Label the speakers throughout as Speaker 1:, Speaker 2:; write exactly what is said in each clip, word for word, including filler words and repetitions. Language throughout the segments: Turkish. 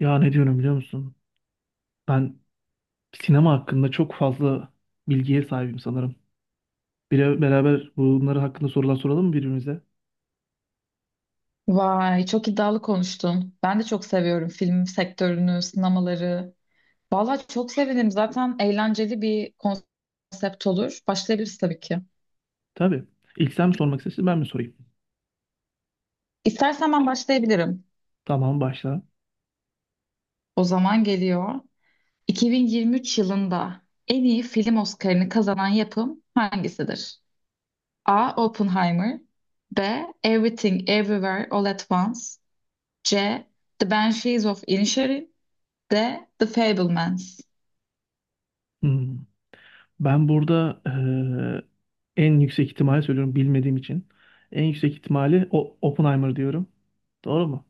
Speaker 1: Ya ne diyorum biliyor musun? Ben sinema hakkında çok fazla bilgiye sahibim sanırım. Bir beraber bunları hakkında sorular soralım mı birbirimize?
Speaker 2: Vay, çok iddialı konuştun. Ben de çok seviyorum film sektörünü, sinemaları. Vallahi çok sevinirim. Zaten eğlenceli bir konsept olur. Başlayabiliriz tabii ki.
Speaker 1: Tabii. İlk sen mi sormak istersin ben mi sorayım?
Speaker 2: İstersen ben başlayabilirim.
Speaker 1: Tamam başla.
Speaker 2: O zaman geliyor. iki bin yirmi üç yılında en iyi film Oscar'ını kazanan yapım hangisidir? A. Oppenheimer. B. Everything Everywhere All at Once. C. The Banshees of Inisherin. D. The Fabelmans.
Speaker 1: Hmm. Ben burada eee, en yüksek ihtimali söylüyorum bilmediğim için. En yüksek ihtimali o Oppenheimer diyorum. Doğru mu?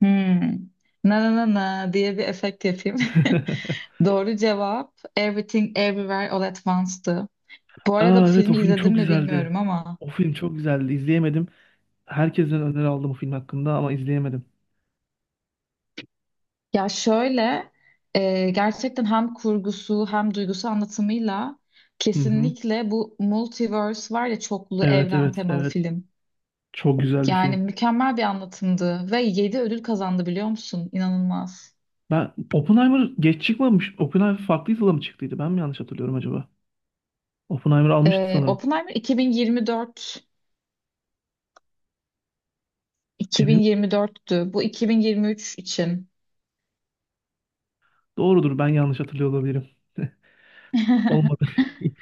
Speaker 2: Hmm. Na na na na diye bir efekt yapayım. Doğru cevap Everything Everywhere All at Once'tı. Bu arada
Speaker 1: Aa
Speaker 2: bu
Speaker 1: evet, o
Speaker 2: filmi
Speaker 1: film
Speaker 2: izledim
Speaker 1: çok
Speaker 2: mi
Speaker 1: güzeldi.
Speaker 2: bilmiyorum ama
Speaker 1: O film çok güzeldi. İzleyemedim. Herkesten öneri aldım o film hakkında ama izleyemedim.
Speaker 2: ya şöyle, e, gerçekten hem kurgusu hem duygusu anlatımıyla
Speaker 1: Hı hı.
Speaker 2: kesinlikle bu multiverse var ya, çoklu
Speaker 1: Evet,
Speaker 2: evren
Speaker 1: evet,
Speaker 2: temalı
Speaker 1: evet.
Speaker 2: film.
Speaker 1: Çok güzel bir
Speaker 2: Yani
Speaker 1: film.
Speaker 2: mükemmel bir anlatımdı ve yedi ödül kazandı biliyor musun? İnanılmaz.
Speaker 1: Ben Oppenheimer geç çıkmamış. Oppenheimer farklı yılda mı çıktıydı? Ben mi yanlış hatırlıyorum acaba? Oppenheimer almıştı
Speaker 2: E,
Speaker 1: sanırım.
Speaker 2: Oppenheimer 2024
Speaker 1: Emin mi?
Speaker 2: iki bin yirmi dörttü. Bu iki bin yirmi üç için.
Speaker 1: Doğrudur, ben yanlış hatırlıyor olabilirim. Olmadı.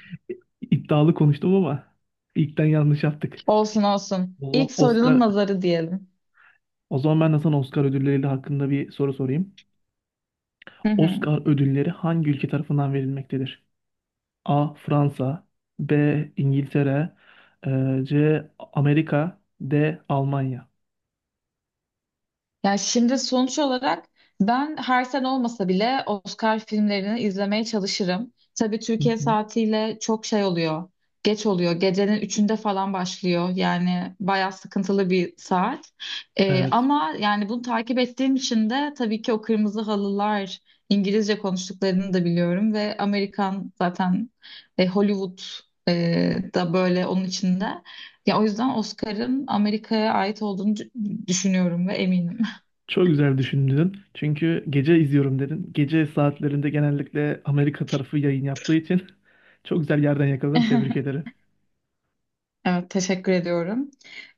Speaker 1: İddialı konuştum ama ilkten yanlış yaptık.
Speaker 2: Olsun olsun.
Speaker 1: O zaman
Speaker 2: İlk
Speaker 1: Oscar,
Speaker 2: sorunun nazarı diyelim.
Speaker 1: o zaman ben de sana Oscar ödülleri hakkında bir soru sorayım.
Speaker 2: Hı hı.
Speaker 1: Oscar ödülleri hangi ülke tarafından verilmektedir? A. Fransa, B. İngiltere, e, C. Amerika, D. Almanya.
Speaker 2: Ya şimdi sonuç olarak ben her sene olmasa bile Oscar filmlerini izlemeye çalışırım. Tabii
Speaker 1: Hı
Speaker 2: Türkiye
Speaker 1: hı.
Speaker 2: saatiyle çok şey oluyor. Geç oluyor. Gecenin üçünde falan başlıyor. Yani bayağı sıkıntılı bir saat. Ee,
Speaker 1: Evet.
Speaker 2: ama yani bunu takip ettiğim için de tabii ki o kırmızı halılar İngilizce konuştuklarını da biliyorum ve Amerikan zaten, e, Hollywood, e, da böyle onun içinde. Ya o yüzden Oscar'ın Amerika'ya ait olduğunu dü- düşünüyorum ve eminim.
Speaker 1: Çok güzel düşündün. Çünkü gece izliyorum dedin. Gece saatlerinde genellikle Amerika tarafı yayın yaptığı için çok güzel yerden yakaladın. Tebrik ederim.
Speaker 2: Evet, teşekkür ediyorum.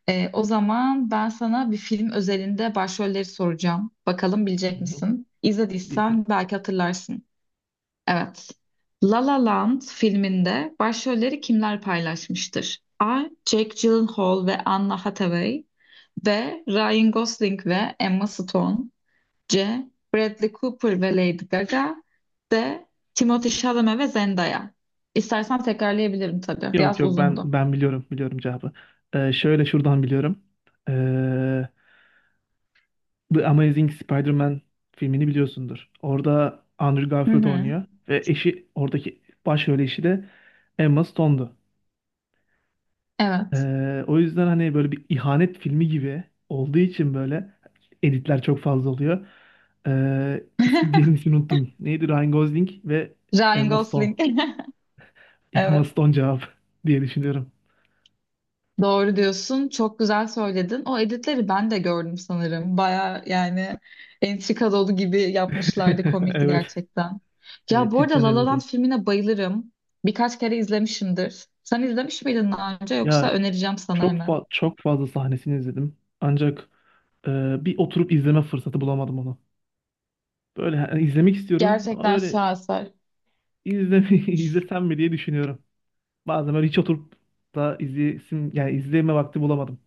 Speaker 2: Ee, o zaman ben sana bir film özelinde başrolleri soracağım. Bakalım
Speaker 1: Hı
Speaker 2: bilecek
Speaker 1: hı.
Speaker 2: misin?
Speaker 1: Bir film.
Speaker 2: İzlediysen belki hatırlarsın. Evet. La La Land filminde başrolleri kimler paylaşmıştır? A. Jake Gyllenhaal ve Anna Hathaway. B. Ryan Gosling ve Emma Stone. C. Bradley Cooper ve Lady Gaga. D. Timothée Chalamet ve Zendaya. İstersen tekrarlayabilirim tabii.
Speaker 1: Yok
Speaker 2: Biraz
Speaker 1: yok, ben
Speaker 2: uzundu.
Speaker 1: ben biliyorum biliyorum cevabı. Ee, şöyle şuradan biliyorum. Ee, The Amazing Spider-Man filmini biliyorsundur. Orada Andrew
Speaker 2: Hı
Speaker 1: Garfield
Speaker 2: hı.
Speaker 1: oynuyor ve eşi oradaki başrol eşi de Emma Stone'du.
Speaker 2: Evet.
Speaker 1: Ee, o yüzden hani böyle bir ihanet filmi gibi olduğu için böyle editler çok fazla oluyor. Ee, ismi diğerinin ismini unuttum. Neydi? Ryan Gosling ve
Speaker 2: Ryan
Speaker 1: Emma Stone.
Speaker 2: Gosling.
Speaker 1: Emma
Speaker 2: Evet.
Speaker 1: Stone cevap diye düşünüyorum.
Speaker 2: Doğru diyorsun. Çok güzel söyledin. O editleri ben de gördüm sanırım. Baya yani entrika dolu gibi yapmışlardı. Komikti
Speaker 1: Evet.
Speaker 2: gerçekten. Ya
Speaker 1: Evet,
Speaker 2: bu arada
Speaker 1: cidden
Speaker 2: La La Land
Speaker 1: öyleydi.
Speaker 2: filmine bayılırım. Birkaç kere izlemişimdir. Sen izlemiş miydin daha önce, yoksa
Speaker 1: Ya,
Speaker 2: önereceğim sana
Speaker 1: Çok
Speaker 2: hemen.
Speaker 1: fa- çok fazla sahnesini izledim. Ancak e, bir oturup izleme fırsatı bulamadım onu. Böyle yani izlemek istiyorum ama
Speaker 2: Gerçekten
Speaker 1: böyle
Speaker 2: şaheser.
Speaker 1: izleme izlesem mi diye düşünüyorum. Bazen böyle hiç oturup da izleyesim yani izleme vakti bulamadım.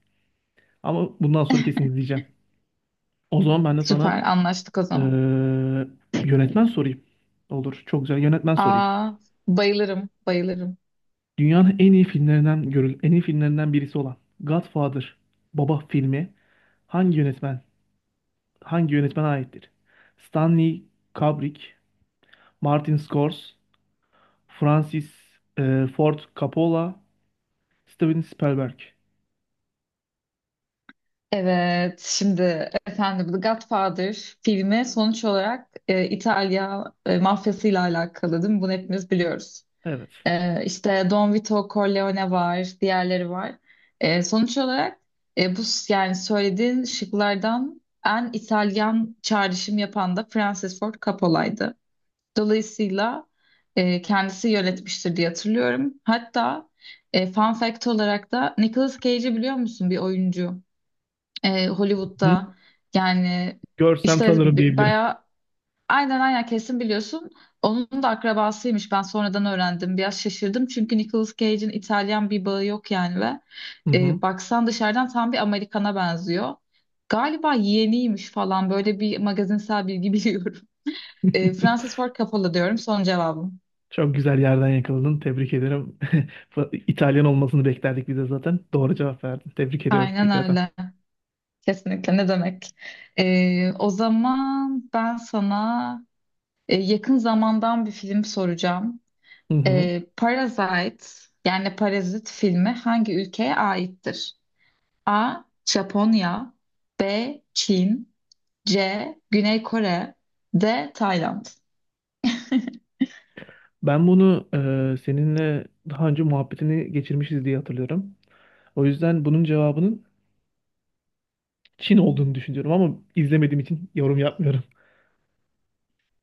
Speaker 1: Ama bundan sonra kesin izleyeceğim. O zaman ben de sana
Speaker 2: Süper, anlaştık o
Speaker 1: e,
Speaker 2: zaman.
Speaker 1: yönetmen sorayım. Olur. Çok güzel yönetmen sorayım.
Speaker 2: Aa, bayılırım bayılırım.
Speaker 1: Dünyanın en iyi filmlerinden görül en iyi filmlerinden birisi olan Godfather Baba filmi hangi yönetmen hangi yönetmene aittir? Stanley Kubrick, Martin Scorsese, Francis e, Ford Coppola, Steven Spielberg.
Speaker 2: Evet, şimdi efendim The Godfather filmi sonuç olarak, e, İtalya, e, mafyasıyla alakalı değil mi? Bunu hepimiz biliyoruz.
Speaker 1: Evet.
Speaker 2: E, işte Don Vito Corleone var, diğerleri var. E, sonuç olarak, e, bu s- yani söylediğin şıklardan en İtalyan çağrışım yapan da Francis Ford Coppola'ydı. Dolayısıyla e, kendisi yönetmiştir diye hatırlıyorum. Hatta e, fun fact olarak da Nicolas Cage'i biliyor musun, bir oyuncu? e,
Speaker 1: Hı?
Speaker 2: Hollywood'da yani
Speaker 1: Görsem
Speaker 2: işte
Speaker 1: tanırım
Speaker 2: b-
Speaker 1: diyebilirim.
Speaker 2: bayağı, aynen aynen, kesin biliyorsun. Onun da akrabasıymış. Ben sonradan öğrendim. Biraz şaşırdım çünkü Nicolas Cage'in İtalyan bir bağı yok yani, ve
Speaker 1: Hı hı.
Speaker 2: e, baksan dışarıdan tam bir Amerikan'a benziyor. Galiba yeğeniymiş falan, böyle bir magazinsel bilgi biliyorum. E, Francis Ford Coppola diyorum son cevabım.
Speaker 1: Çok güzel yerden yakaladın. Tebrik ederim. İtalyan olmasını beklerdik biz de zaten. Doğru cevap verdin. Tebrik ediyorum
Speaker 2: Aynen
Speaker 1: tekrardan.
Speaker 2: öyle. Kesinlikle, ne demek. E, o zaman ben sana e, yakın zamandan bir film soracağım.
Speaker 1: Hı hı.
Speaker 2: Ee, Parasite yani Parazit filmi hangi ülkeye aittir? A. Japonya. B. Çin. C. Güney Kore. D. Tayland.
Speaker 1: Ben bunu e, seninle daha önce muhabbetini geçirmişiz diye hatırlıyorum. O yüzden bunun cevabının Çin olduğunu düşünüyorum ama izlemediğim için yorum yapmıyorum.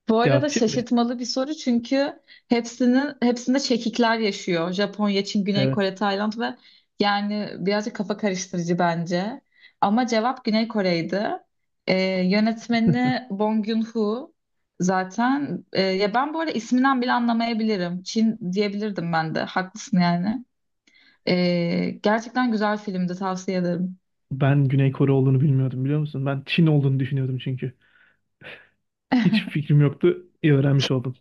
Speaker 2: Bu arada
Speaker 1: Cevapçı mı?
Speaker 2: şaşırtmalı bir soru çünkü hepsinin hepsinde çekikler yaşıyor. Japonya, Çin, Güney
Speaker 1: Evet.
Speaker 2: Kore, Tayland ve yani birazcık kafa karıştırıcı bence. Ama cevap Güney Kore'ydi. Ee, yönetmeni Bong Joon-ho zaten. Ee, ya ben bu arada isminden bile anlamayabilirim. Çin diyebilirdim ben de. Haklısın yani. Ee, gerçekten güzel filmdi, tavsiye ederim.
Speaker 1: Ben Güney Kore olduğunu bilmiyordum biliyor musun? Ben Çin olduğunu düşünüyordum çünkü. Hiç fikrim yoktu. İyi öğrenmiş oldum.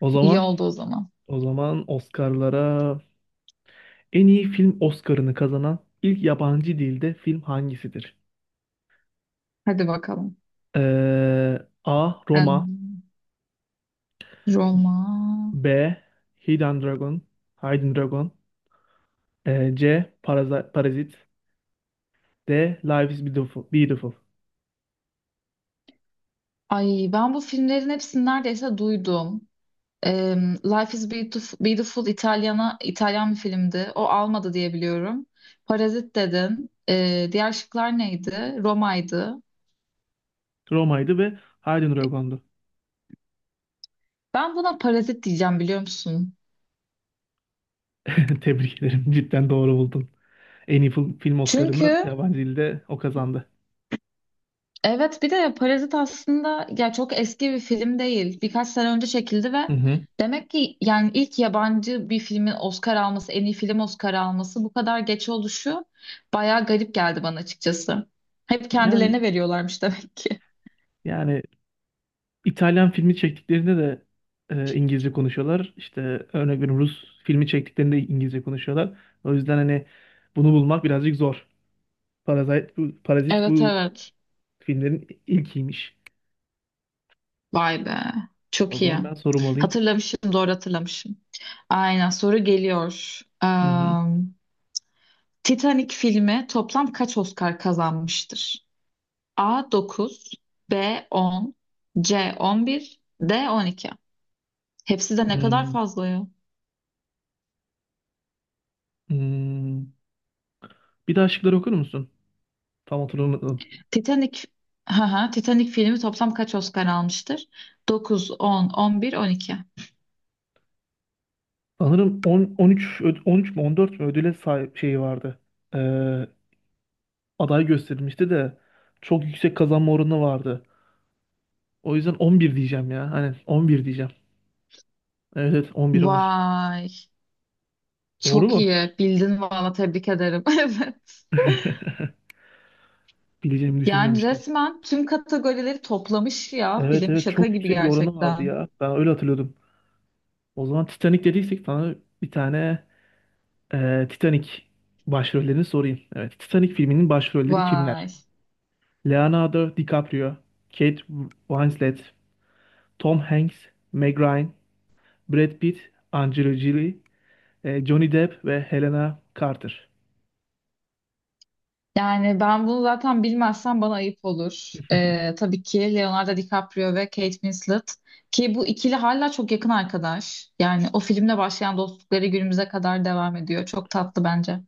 Speaker 1: O
Speaker 2: İyi
Speaker 1: zaman,
Speaker 2: oldu o zaman.
Speaker 1: o zaman Oscar'lara en iyi film Oscar'ını kazanan ilk yabancı dilde film hangisidir?
Speaker 2: Hadi bakalım.
Speaker 1: Ee, A. Roma,
Speaker 2: Em, Roma.
Speaker 1: B. Hidden Dragon Hidden Dragon, ee, C. Paraza- Parazit, de Life is Beautiful. Beautiful.
Speaker 2: Ay, ben bu filmlerin hepsini neredeyse duydum. Em, Life is Beautiful, Beautiful İtalyana, İtalyan bir filmdi. O almadı diye biliyorum. Parazit dedin. Ee, diğer şıklar neydi? Roma'ydı.
Speaker 1: Roma'ydı ve Haydn Rogon'du.
Speaker 2: Ben buna Parazit diyeceğim, biliyor musun?
Speaker 1: Tebrik ederim. Cidden doğru buldun. En iyi film film Oscar'ını
Speaker 2: Çünkü
Speaker 1: yabancı dilde o kazandı.
Speaker 2: evet, bir de Parazit aslında ya çok eski bir film değil. Birkaç sene önce çekildi ve
Speaker 1: Hı hı.
Speaker 2: demek ki yani ilk yabancı bir filmin Oscar alması, en iyi film Oscar alması bu kadar geç oluşu bayağı garip geldi bana açıkçası. Hep
Speaker 1: Yani
Speaker 2: kendilerine veriyorlarmış demek ki.
Speaker 1: yani İtalyan filmi çektiklerinde de e, İngilizce konuşuyorlar. İşte örnek veriyorum, Rus filmi çektiklerinde İngilizce konuşuyorlar. O yüzden hani bunu bulmak birazcık zor. Parazit bu, Parazit
Speaker 2: Evet,
Speaker 1: bu
Speaker 2: evet.
Speaker 1: filmlerin ilkiymiş.
Speaker 2: Vay be.
Speaker 1: O
Speaker 2: Çok iyi.
Speaker 1: zaman ben sorum alayım.
Speaker 2: Hatırlamışım, doğru hatırlamışım. Aynen, soru geliyor. Eee,
Speaker 1: Hı hı.
Speaker 2: Titanic filmi toplam kaç Oscar kazanmıştır? A. dokuz, B. on, C. on bir, D on iki. Hepsi de ne kadar
Speaker 1: Hmm,
Speaker 2: fazla ya.
Speaker 1: hmm. Bir daha şıkları okur musun? Tam hatırlamadım.
Speaker 2: Titanic, ha, Titanic filmi toplam kaç Oscar almıştır? Dokuz, on, on bir, on iki.
Speaker 1: Sanırım on, on üç, öd- on üç mü on dört mü ödüle sahip şeyi vardı. Ee, aday gösterilmişti de çok yüksek kazanma oranı vardı. O yüzden on bir diyeceğim ya. Hani on bir diyeceğim. Evet evet, on bir on bir.
Speaker 2: Vay,
Speaker 1: Doğru
Speaker 2: çok
Speaker 1: mu?
Speaker 2: iyi. Bildin valla, tebrik ederim. Evet.
Speaker 1: Bileceğimi
Speaker 2: Yani
Speaker 1: düşünmemiştim.
Speaker 2: resmen tüm kategorileri toplamış ya,
Speaker 1: Evet
Speaker 2: film
Speaker 1: evet,
Speaker 2: şaka
Speaker 1: çok
Speaker 2: gibi
Speaker 1: yüksek bir oranı vardı
Speaker 2: gerçekten.
Speaker 1: ya. Ben öyle hatırlıyordum. O zaman Titanic dediysek sana bir tane e, Titanic başrollerini sorayım. Evet, Titanic filminin başrolleri kimler?
Speaker 2: Vay.
Speaker 1: Leonardo DiCaprio, Kate Winslet, Tom Hanks, Meg Ryan, Brad Pitt, Angelina Jolie, e, Johnny Depp ve Helena Carter.
Speaker 2: Yani ben bunu zaten bilmezsem bana ayıp olur. Ee, tabii ki Leonardo DiCaprio ve Kate Winslet, ki bu ikili hala çok yakın arkadaş. Yani o filmle başlayan dostlukları günümüze kadar devam ediyor. Çok tatlı bence.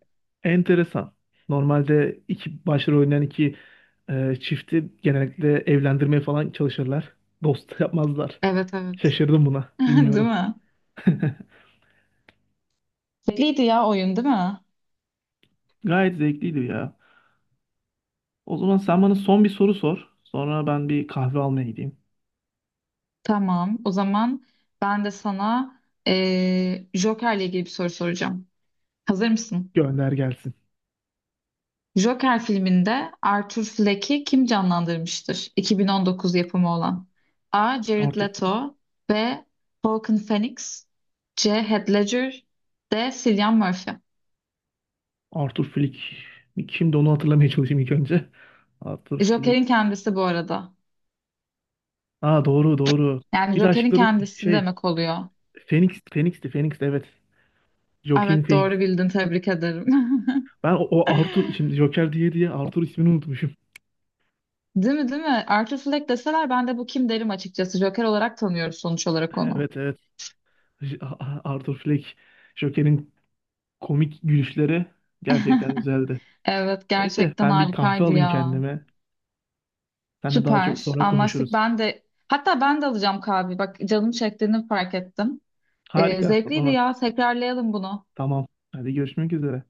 Speaker 1: Enteresan. Normalde iki başrol oynayan iki e, çifti genellikle evlendirmeye falan çalışırlar. Dost yapmazlar.
Speaker 2: Evet, evet.
Speaker 1: Şaşırdım buna.
Speaker 2: Değil
Speaker 1: Bilmiyordum.
Speaker 2: mi? Belliydi ya oyun, değil mi?
Speaker 1: Gayet zevkliydi ya. O zaman sen bana son bir soru sor. Sonra ben bir kahve almaya gideyim.
Speaker 2: Tamam. O zaman ben de sana eee Joker'le ilgili bir soru soracağım. Hazır mısın?
Speaker 1: Gönder gelsin.
Speaker 2: Joker filminde Arthur Fleck'i kim canlandırmıştır? iki bin on dokuz yapımı olan. A. Jared
Speaker 1: Arthur Flick.
Speaker 2: Leto. B. Joaquin Phoenix. C. Heath Ledger. D. Cillian Murphy.
Speaker 1: Arthur Flick. Kimdi onu hatırlamaya çalışayım ilk önce. Arthur Flick.
Speaker 2: Joker'in kendisi bu arada.
Speaker 1: Aa doğru doğru.
Speaker 2: Yani
Speaker 1: Bir de
Speaker 2: Joker'in
Speaker 1: aşkları
Speaker 2: kendisi
Speaker 1: şey
Speaker 2: demek oluyor.
Speaker 1: Phoenix Phoenix'ti Phoenix evet. Joaquin
Speaker 2: Evet,
Speaker 1: Phoenix.
Speaker 2: doğru bildin, tebrik ederim.
Speaker 1: Ben o, o Arthur şimdi Joker diye diye Arthur ismini unutmuşum.
Speaker 2: Değil mi, değil mi? Arthur Fleck deseler ben de bu kim derim açıkçası. Joker olarak tanıyoruz sonuç olarak onu.
Speaker 1: Evet evet. J- A- Arthur Fleck. Joker'in komik gülüşleri gerçekten güzeldi.
Speaker 2: Evet,
Speaker 1: Neyse
Speaker 2: gerçekten
Speaker 1: ben bir kahve
Speaker 2: harikaydı
Speaker 1: alayım
Speaker 2: ya.
Speaker 1: kendime. Seninle daha çok
Speaker 2: Süper.
Speaker 1: sonra
Speaker 2: Anlaştık.
Speaker 1: konuşuruz.
Speaker 2: Ben de, hatta ben de alacağım kahve. Bak, canım çektiğini fark ettim. Ee,
Speaker 1: Harika o
Speaker 2: zevkliydi
Speaker 1: zaman.
Speaker 2: ya. Tekrarlayalım bunu.
Speaker 1: Tamam. Hadi görüşmek üzere.